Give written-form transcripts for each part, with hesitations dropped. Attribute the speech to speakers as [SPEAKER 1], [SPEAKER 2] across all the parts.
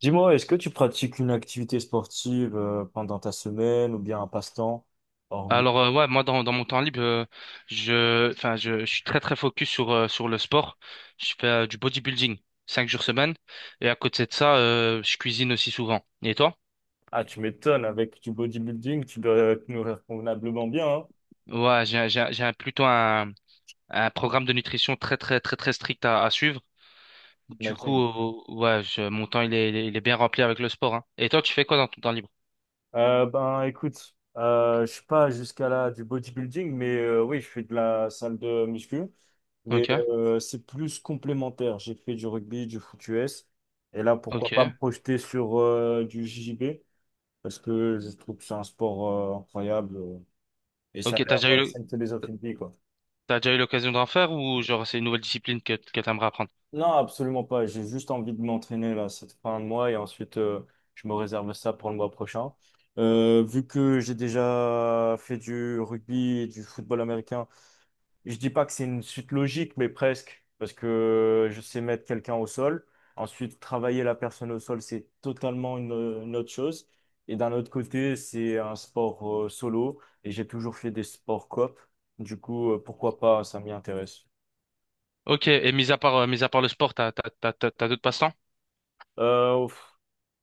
[SPEAKER 1] Dis-moi, est-ce que tu pratiques une activité sportive pendant ta semaine ou bien un passe-temps hormis.
[SPEAKER 2] Alors ouais, moi dans mon temps libre, je suis très très focus sur le sport. Je fais du bodybuilding 5 jours semaine, et à côté de ça, je cuisine aussi souvent. Et toi?
[SPEAKER 1] Ah, tu m'étonnes, avec du bodybuilding, tu dois te nourrir convenablement bien, hein,
[SPEAKER 2] Ouais, plutôt un programme de nutrition très très très très strict à suivre. Du
[SPEAKER 1] j'imagine.
[SPEAKER 2] coup, ouais, mon temps il est bien rempli avec le sport, hein. Et toi, tu fais quoi dans ton temps libre?
[SPEAKER 1] Ben, écoute, je suis pas jusqu'à là du bodybuilding, mais oui, je fais de la salle de muscu, mais
[SPEAKER 2] Ok.
[SPEAKER 1] c'est plus complémentaire. J'ai fait du rugby, du foot US, et là, pourquoi pas me
[SPEAKER 2] ok
[SPEAKER 1] projeter sur du JJB, parce que je trouve que c'est un sport incroyable et ça a
[SPEAKER 2] ok t'as
[SPEAKER 1] l'air
[SPEAKER 2] déjà eu le-
[SPEAKER 1] c'est une philosophie de vie, quoi.
[SPEAKER 2] T'as déjà eu l'occasion d'en faire, ou genre c'est une nouvelle discipline que t'aimerais apprendre?
[SPEAKER 1] Non, absolument pas. J'ai juste envie de m'entraîner là cette fin de mois et ensuite je me réserve ça pour le mois prochain. Vu que j'ai déjà fait du rugby et du football américain, je dis pas que c'est une suite logique, mais presque, parce que je sais mettre quelqu'un au sol. Ensuite, travailler la personne au sol, c'est totalement une autre chose. Et d'un autre côté, c'est un sport solo et j'ai toujours fait des sports coop. Du coup, pourquoi pas, ça m'y intéresse.
[SPEAKER 2] Ok, et mis à part le sport, t'as d'autres passe-temps?
[SPEAKER 1] Euh, pff,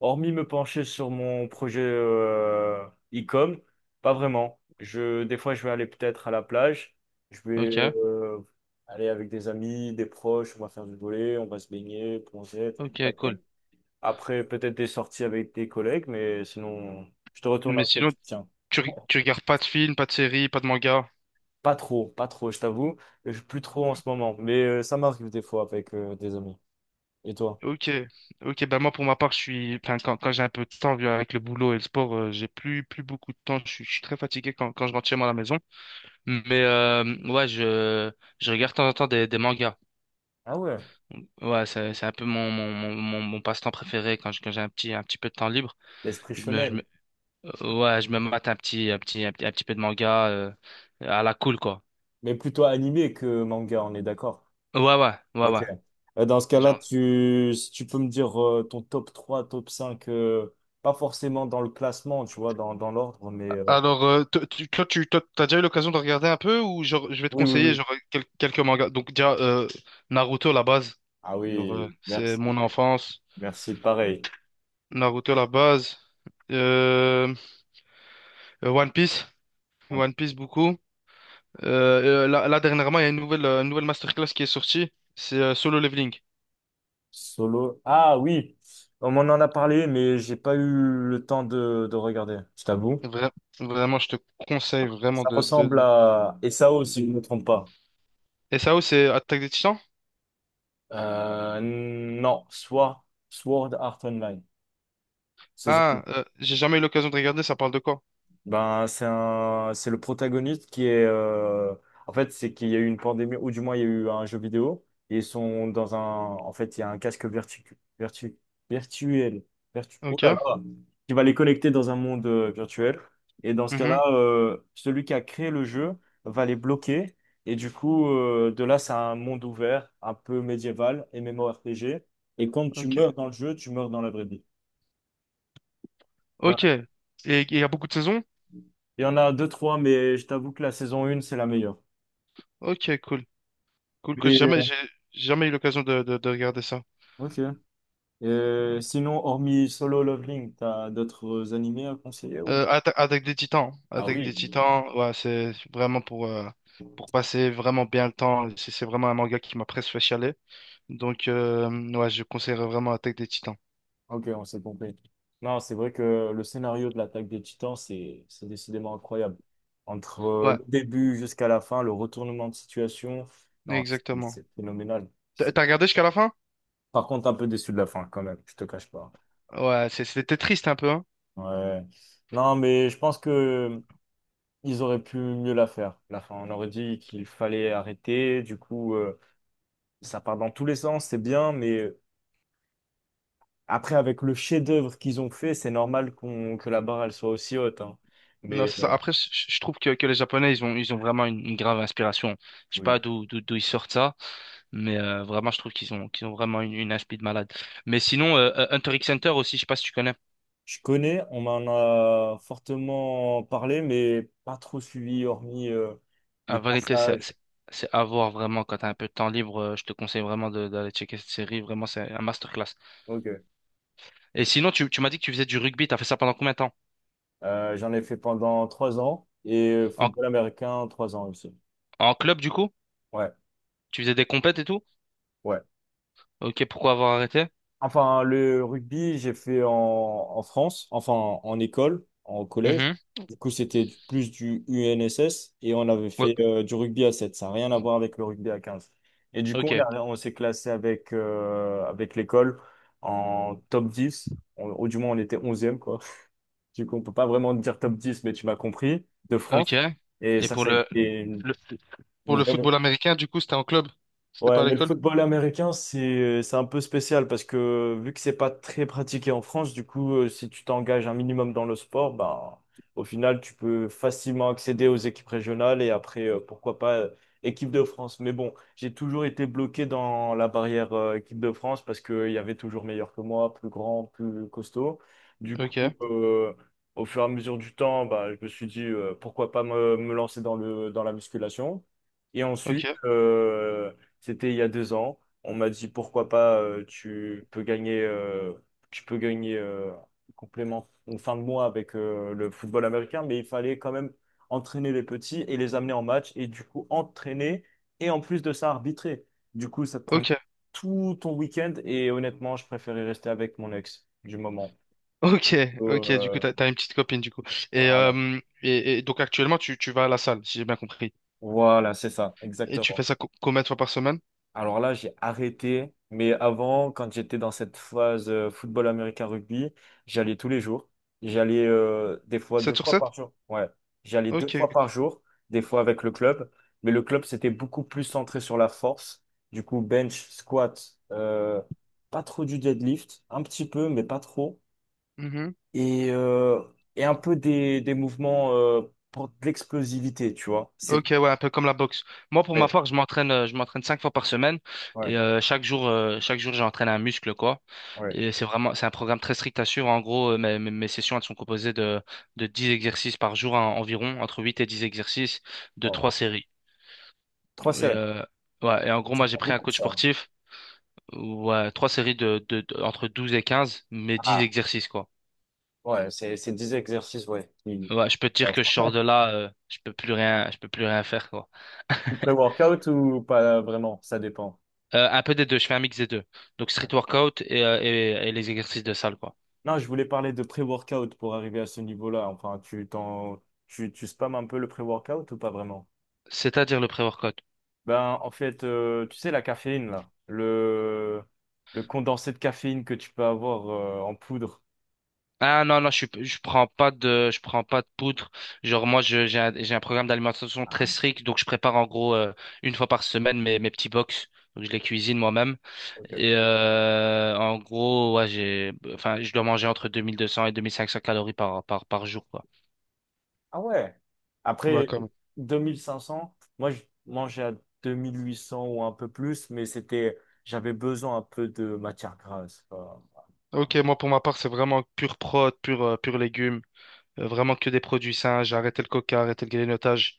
[SPEAKER 1] hormis me pencher sur mon projet e-com, pas vraiment. Des fois, je vais aller peut-être à la plage. Je vais
[SPEAKER 2] Ok.
[SPEAKER 1] aller avec des amis, des proches. On va faire du volley, on va se baigner, plonger, et
[SPEAKER 2] Ok, cool.
[SPEAKER 1] compagnie. Après, peut-être des sorties avec des collègues, mais sinon, je te retourne
[SPEAKER 2] Mais
[SPEAKER 1] un peu.
[SPEAKER 2] sinon,
[SPEAKER 1] Tiens,
[SPEAKER 2] tu regardes pas de films, pas de séries, pas de mangas.
[SPEAKER 1] pas trop, pas trop, je t'avoue. Plus trop en ce moment, mais ça m'arrive des fois avec des amis. Et toi?
[SPEAKER 2] Ok. Ok, ben, moi pour ma part, enfin, quand j'ai un peu de temps, vu avec le boulot et le sport, j'ai plus beaucoup de temps. Je suis très fatigué quand je rentre chez moi à la maison. Mais ouais, je regarde de temps en temps des mangas.
[SPEAKER 1] Ah ouais,
[SPEAKER 2] Ouais, c'est un peu mon passe-temps préféré quand j'ai un petit peu de temps libre.
[SPEAKER 1] l'esprit shonen,
[SPEAKER 2] Ouais, je me mate un petit peu de manga, à la cool, quoi.
[SPEAKER 1] mais plutôt animé que manga, on est d'accord.
[SPEAKER 2] Ouais, ouais, ouais,
[SPEAKER 1] Ok.
[SPEAKER 2] ouais.
[SPEAKER 1] Dans ce cas-là,
[SPEAKER 2] Genre.
[SPEAKER 1] si tu peux me dire ton top 3, top 5, pas forcément dans le classement, tu vois, dans l'ordre, mais
[SPEAKER 2] Alors, toi, t'as déjà eu l'occasion de regarder un peu, ou genre, je vais te
[SPEAKER 1] oui, oui,
[SPEAKER 2] conseiller
[SPEAKER 1] oui.
[SPEAKER 2] genre, quelques mangas. Donc, déjà, Naruto, la base.
[SPEAKER 1] Ah
[SPEAKER 2] Genre,
[SPEAKER 1] oui,
[SPEAKER 2] c'est
[SPEAKER 1] merci.
[SPEAKER 2] mon enfance.
[SPEAKER 1] Merci, pareil.
[SPEAKER 2] Naruto, la base. Euh, One Piece.
[SPEAKER 1] Ouais.
[SPEAKER 2] One Piece, beaucoup. Là, dernièrement, il y a une nouvelle masterclass qui est sortie. C'est Solo Leveling.
[SPEAKER 1] Solo. Ah oui, on m'en en a parlé, mais j'ai pas eu le temps de regarder, je t'avoue.
[SPEAKER 2] Vra- Vraiment, je te conseille vraiment
[SPEAKER 1] Ça
[SPEAKER 2] de...
[SPEAKER 1] ressemble à et ça aussi, je ne me trompe pas.
[SPEAKER 2] Et ça, où c'est Attaque des Titans?
[SPEAKER 1] Non, Sword Art Online.
[SPEAKER 2] Ah,
[SPEAKER 1] Saison.
[SPEAKER 2] j'ai jamais eu l'occasion de regarder, ça parle de quoi?
[SPEAKER 1] Ben, c'est le protagoniste qui est, en fait, c'est qu'il y a eu une pandémie, ou du moins, il y a eu un jeu vidéo, et ils sont en fait, il y a un casque virtuel, oh là
[SPEAKER 2] Ok.
[SPEAKER 1] là, qui va les connecter dans un monde virtuel. Et dans ce cas-là,
[SPEAKER 2] Mhm.
[SPEAKER 1] celui qui a créé le jeu va les bloquer, et du coup, de là, c'est un monde ouvert, un peu médiéval, et MMORPG, et quand tu
[SPEAKER 2] Ok.
[SPEAKER 1] meurs dans le jeu, tu meurs dans la vraie vie.
[SPEAKER 2] Ok.
[SPEAKER 1] Voilà.
[SPEAKER 2] Et il y a beaucoup de saisons?
[SPEAKER 1] Il y en a deux, trois, mais je t'avoue que la saison 1, c'est la meilleure.
[SPEAKER 2] Ok, cool. Cool que Jamais,
[SPEAKER 1] Et,
[SPEAKER 2] j'ai jamais eu l'occasion de regarder ça.
[SPEAKER 1] ok. Sinon, hormis Solo Leveling, t'as d'autres animés à conseiller ou?
[SPEAKER 2] Attaque des Titans.
[SPEAKER 1] Ah
[SPEAKER 2] Attaque
[SPEAKER 1] oui.
[SPEAKER 2] des Titans, ouais, c'est vraiment pour passer vraiment bien le temps. C'est vraiment un manga qui m'a presque fait chialer. Donc, ouais, je conseillerais vraiment Attaque des Titans.
[SPEAKER 1] Ok, on s'est compris. Non, c'est vrai que le scénario de l'attaque des Titans, c'est décidément incroyable. Entre
[SPEAKER 2] Ouais,
[SPEAKER 1] le début jusqu'à la fin, le retournement de situation, non, c'est
[SPEAKER 2] exactement.
[SPEAKER 1] c'est phénoménal.
[SPEAKER 2] T'as
[SPEAKER 1] C'est-
[SPEAKER 2] t'as regardé jusqu'à la fin?
[SPEAKER 1] Par contre, un peu déçu de la fin quand même, je te cache pas.
[SPEAKER 2] Ouais, c'était triste un peu, hein.
[SPEAKER 1] Ouais. Non, mais je pense que ils auraient pu mieux la faire. La fin, on aurait dit qu'il fallait arrêter. Du coup, ça part dans tous les sens, c'est bien, mais après, avec le chef-d'œuvre qu'ils ont fait, c'est normal que la barre, elle soit aussi haute, hein.
[SPEAKER 2] Non,
[SPEAKER 1] Mais
[SPEAKER 2] c'est ça. Après, je trouve que les Japonais, ils ont vraiment une grave inspiration. Je sais
[SPEAKER 1] oui.
[SPEAKER 2] pas d'où ils sortent ça, mais vraiment, je trouve qu'ils ont vraiment une inspi de malade. Mais sinon, Hunter x Hunter aussi, je sais pas si tu connais.
[SPEAKER 1] Je connais, on m'en a fortement parlé, mais pas trop suivi, hormis des
[SPEAKER 2] En vérité,
[SPEAKER 1] passages.
[SPEAKER 2] c'est à voir vraiment quand t'as un peu de temps libre. Je te conseille vraiment d'aller checker cette série. Vraiment, c'est un masterclass.
[SPEAKER 1] Ok.
[SPEAKER 2] Et sinon, tu m'as dit que tu faisais du rugby. T'as fait ça pendant combien de temps?
[SPEAKER 1] J'en ai fait pendant 3 ans et
[SPEAKER 2] En,
[SPEAKER 1] football américain, 3 ans aussi.
[SPEAKER 2] En club, du coup?
[SPEAKER 1] Ouais.
[SPEAKER 2] Tu faisais des compètes et tout?
[SPEAKER 1] Ouais.
[SPEAKER 2] Ok, pourquoi avoir arrêté?
[SPEAKER 1] Enfin, le rugby, j'ai fait en France, enfin en école, en collège.
[SPEAKER 2] Mhm.
[SPEAKER 1] Du coup, c'était plus du UNSS et on avait
[SPEAKER 2] Ouais.
[SPEAKER 1] fait du rugby à 7. Ça n'a rien à voir avec le rugby à 15. Et du coup,
[SPEAKER 2] Ok.
[SPEAKER 1] on s'est classé avec l'école en top 10. Ou du moins, on était 11e, quoi. Du coup, on peut pas vraiment dire top 10, mais tu m'as compris, de
[SPEAKER 2] ok.
[SPEAKER 1] France. Et
[SPEAKER 2] Et
[SPEAKER 1] ça, ça a été une,
[SPEAKER 2] le, pour
[SPEAKER 1] une
[SPEAKER 2] le football américain, du coup, c'était en club. C'était
[SPEAKER 1] Ouais,
[SPEAKER 2] pas à
[SPEAKER 1] mais le
[SPEAKER 2] l'école.
[SPEAKER 1] football américain, c'est un peu spécial parce que vu que c'est pas très pratiqué en France, du coup, si tu t'engages un minimum dans le sport, ben, au final, tu peux facilement accéder aux équipes régionales et après, pourquoi pas, équipe de France. Mais bon, j'ai toujours été bloqué dans la barrière, équipe de France parce qu'il y avait toujours meilleur que moi, plus grand, plus costaud. Du
[SPEAKER 2] Ok,
[SPEAKER 1] coup, au fur et à mesure du temps, bah, je me suis dit, pourquoi pas me lancer dans dans la musculation. Et ensuite,
[SPEAKER 2] ok,
[SPEAKER 1] c'était il y a 2 ans. On m'a dit pourquoi pas, tu peux gagner complément ou fin de mois avec le football américain, mais il fallait quand même entraîner les petits et les amener en match et du coup entraîner et en plus de ça arbitrer. Du coup, ça te prenait
[SPEAKER 2] ok,
[SPEAKER 1] tout ton week-end et honnêtement, je préférais rester avec mon ex du moment.
[SPEAKER 2] ok, ok. Du coup,
[SPEAKER 1] Euh,
[SPEAKER 2] t'as une petite copine, du coup. Et,
[SPEAKER 1] voilà,
[SPEAKER 2] euh, et, et donc, actuellement, tu vas à la salle, si j'ai bien compris.
[SPEAKER 1] voilà, c'est ça,
[SPEAKER 2] Et tu
[SPEAKER 1] exactement.
[SPEAKER 2] fais ça combien de fois par semaine?
[SPEAKER 1] Alors là, j'ai arrêté. Mais avant, quand j'étais dans cette phase football américain rugby, j'allais tous les jours. J'allais des fois deux
[SPEAKER 2] sept sur
[SPEAKER 1] fois par
[SPEAKER 2] sept
[SPEAKER 1] jour. Ouais, j'allais deux fois
[SPEAKER 2] Ok.
[SPEAKER 1] par jour, des fois avec le club. Mais le club, c'était beaucoup plus centré sur la force. Du coup, bench, squat, pas trop du deadlift, un petit peu, mais pas trop.
[SPEAKER 2] Mhm.
[SPEAKER 1] Et, euh, et un peu des mouvements pour de l'explosivité, tu vois. C'est.
[SPEAKER 2] Ok, ouais, un peu comme la boxe. Moi, pour ma
[SPEAKER 1] Ouais,
[SPEAKER 2] part, je m'entraîne 5 fois par semaine, et
[SPEAKER 1] ouais,
[SPEAKER 2] chaque jour, j'entraîne un muscle, quoi.
[SPEAKER 1] ouais,
[SPEAKER 2] C'est un programme très strict à suivre. En gros, mes sessions, elles sont composées de 10 exercices par jour, environ, entre 8 et 10 exercices de
[SPEAKER 1] ouais.
[SPEAKER 2] 3 séries.
[SPEAKER 1] Trois
[SPEAKER 2] Et,
[SPEAKER 1] séries.
[SPEAKER 2] ouais, et en gros, moi,
[SPEAKER 1] C'est
[SPEAKER 2] j'ai
[SPEAKER 1] pas
[SPEAKER 2] pris un
[SPEAKER 1] beaucoup,
[SPEAKER 2] coach
[SPEAKER 1] ça, hein.
[SPEAKER 2] sportif, ouais, 3 séries entre 12 et 15, mais 10
[SPEAKER 1] Ah,
[SPEAKER 2] exercices, quoi.
[SPEAKER 1] ouais, c'est 10 exercices, ouais.
[SPEAKER 2] Ouais, je peux te dire que je sors de là, je peux plus rien faire, quoi.
[SPEAKER 1] Pré-workout ou pas vraiment, ça dépend.
[SPEAKER 2] Un peu des deux, je fais un mix des deux. Donc street
[SPEAKER 1] Ouais.
[SPEAKER 2] workout et les exercices de salle, quoi.
[SPEAKER 1] Non, je voulais parler de pré-workout pour arriver à ce niveau-là. Enfin, tu spams un peu le pré-workout ou pas vraiment?
[SPEAKER 2] C'est-à-dire le pré-workout.
[SPEAKER 1] Ben, en fait, tu sais, la caféine, là, le condensé de caféine que tu peux avoir en poudre.
[SPEAKER 2] Ah non, non, je prends pas de poudre. Genre moi, j'ai un programme d'alimentation très
[SPEAKER 1] Ah,
[SPEAKER 2] strict, donc je prépare en gros, une fois par semaine mes petits box. Donc je les cuisine moi-même. Et
[SPEAKER 1] ok.
[SPEAKER 2] en gros, ouais, enfin, je dois manger entre 2200 et 2500 calories par jour, quoi.
[SPEAKER 1] Ah ouais.
[SPEAKER 2] Ouais,
[SPEAKER 1] Après
[SPEAKER 2] comme.
[SPEAKER 1] 2 500, moi je mangeais à 2 800 ou un peu plus, mais c'était j'avais besoin un peu de matière grasse, quoi. Ah
[SPEAKER 2] Ok, moi pour ma part, c'est vraiment pur légumes. Vraiment que des produits sains. J'ai arrêté le coca, arrêté le grignotage.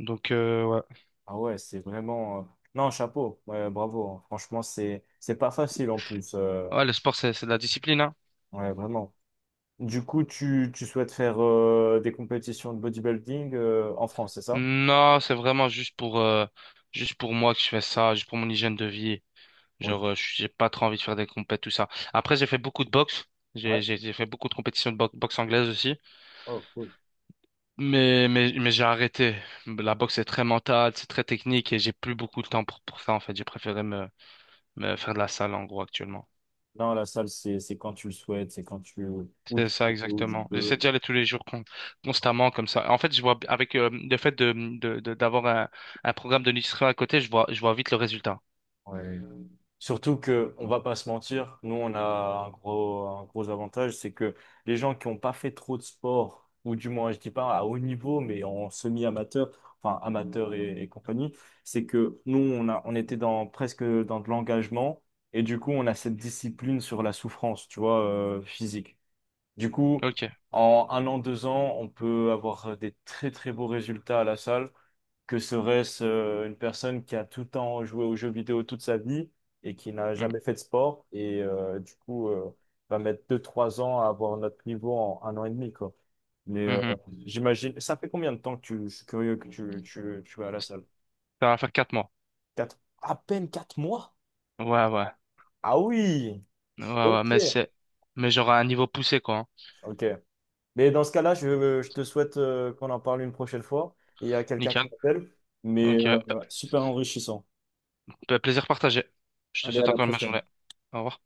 [SPEAKER 2] Donc, ouais.
[SPEAKER 1] ah ouais, c'est vraiment non, chapeau. Ouais, bravo, hein. Franchement, c'est pas facile en plus.
[SPEAKER 2] Ouais, le sport, c'est de la discipline, hein.
[SPEAKER 1] Ouais, vraiment. Du coup, tu souhaites faire des compétitions de bodybuilding en France, c'est ça?
[SPEAKER 2] Non, c'est vraiment juste pour moi que je fais ça, juste pour mon hygiène de vie.
[SPEAKER 1] Oui.
[SPEAKER 2] Genre, j'ai pas trop envie de faire des compètes, tout ça. Après, j'ai fait beaucoup de boxe. J'ai,
[SPEAKER 1] Ouais.
[SPEAKER 2] j'ai, j'ai fait beaucoup de compétitions de boxe anglaise aussi.
[SPEAKER 1] Oh, cool.
[SPEAKER 2] Mais j'ai arrêté. La boxe est très mentale, c'est très technique, et j'ai plus beaucoup de temps pour ça, en fait. J'ai préféré me faire de la salle, en gros, actuellement.
[SPEAKER 1] Non, la salle, c'est quand tu le souhaites, c'est quand tu où
[SPEAKER 2] C'est
[SPEAKER 1] tu,
[SPEAKER 2] ça,
[SPEAKER 1] où tu
[SPEAKER 2] exactement. J'essaie
[SPEAKER 1] peux.
[SPEAKER 2] d'y aller tous les jours constamment comme ça. En fait, je vois avec le fait d'avoir un programme de nutrition à côté, je vois vite le résultat.
[SPEAKER 1] Ouais. Surtout que, on va pas se mentir, nous on a un gros avantage, c'est que les gens qui n'ont pas fait trop de sport, ou du moins je dis pas à haut niveau, mais en semi-amateur, enfin amateur et compagnie, c'est que nous on était dans presque dans de l'engagement et du coup on a cette discipline sur la souffrance, tu vois, physique. Du coup,
[SPEAKER 2] Ok.
[SPEAKER 1] en 1 an, 2 ans, on peut avoir des très très beaux résultats à la salle que serait-ce une personne qui a tout le temps joué aux jeux vidéo toute sa vie et qui n'a
[SPEAKER 2] Mm.
[SPEAKER 1] jamais fait de sport et du coup va mettre 2, 3 ans à avoir notre niveau en 1 an et demi, quoi. Mais
[SPEAKER 2] Mhm.
[SPEAKER 1] j'imagine, ça fait combien de temps je suis curieux que tu vas à la salle?
[SPEAKER 2] Ça va faire 4 mois.
[SPEAKER 1] 4, à peine 4 mois?
[SPEAKER 2] Ouais, ouais.
[SPEAKER 1] Ah oui,
[SPEAKER 2] Ouais, ouais.
[SPEAKER 1] ok,
[SPEAKER 2] Mais genre à un niveau poussé, quoi, hein.
[SPEAKER 1] ok. Mais dans ce cas-là, je te souhaite qu'on en parle une prochaine fois. Il y a quelqu'un
[SPEAKER 2] Nickel.
[SPEAKER 1] qui m'appelle, mais
[SPEAKER 2] Ok. Bah,
[SPEAKER 1] voilà, super enrichissant.
[SPEAKER 2] bah, plaisir partagé. Je te
[SPEAKER 1] Allez, à
[SPEAKER 2] souhaite
[SPEAKER 1] la
[SPEAKER 2] encore une bonne
[SPEAKER 1] prochaine.
[SPEAKER 2] journée. Au revoir.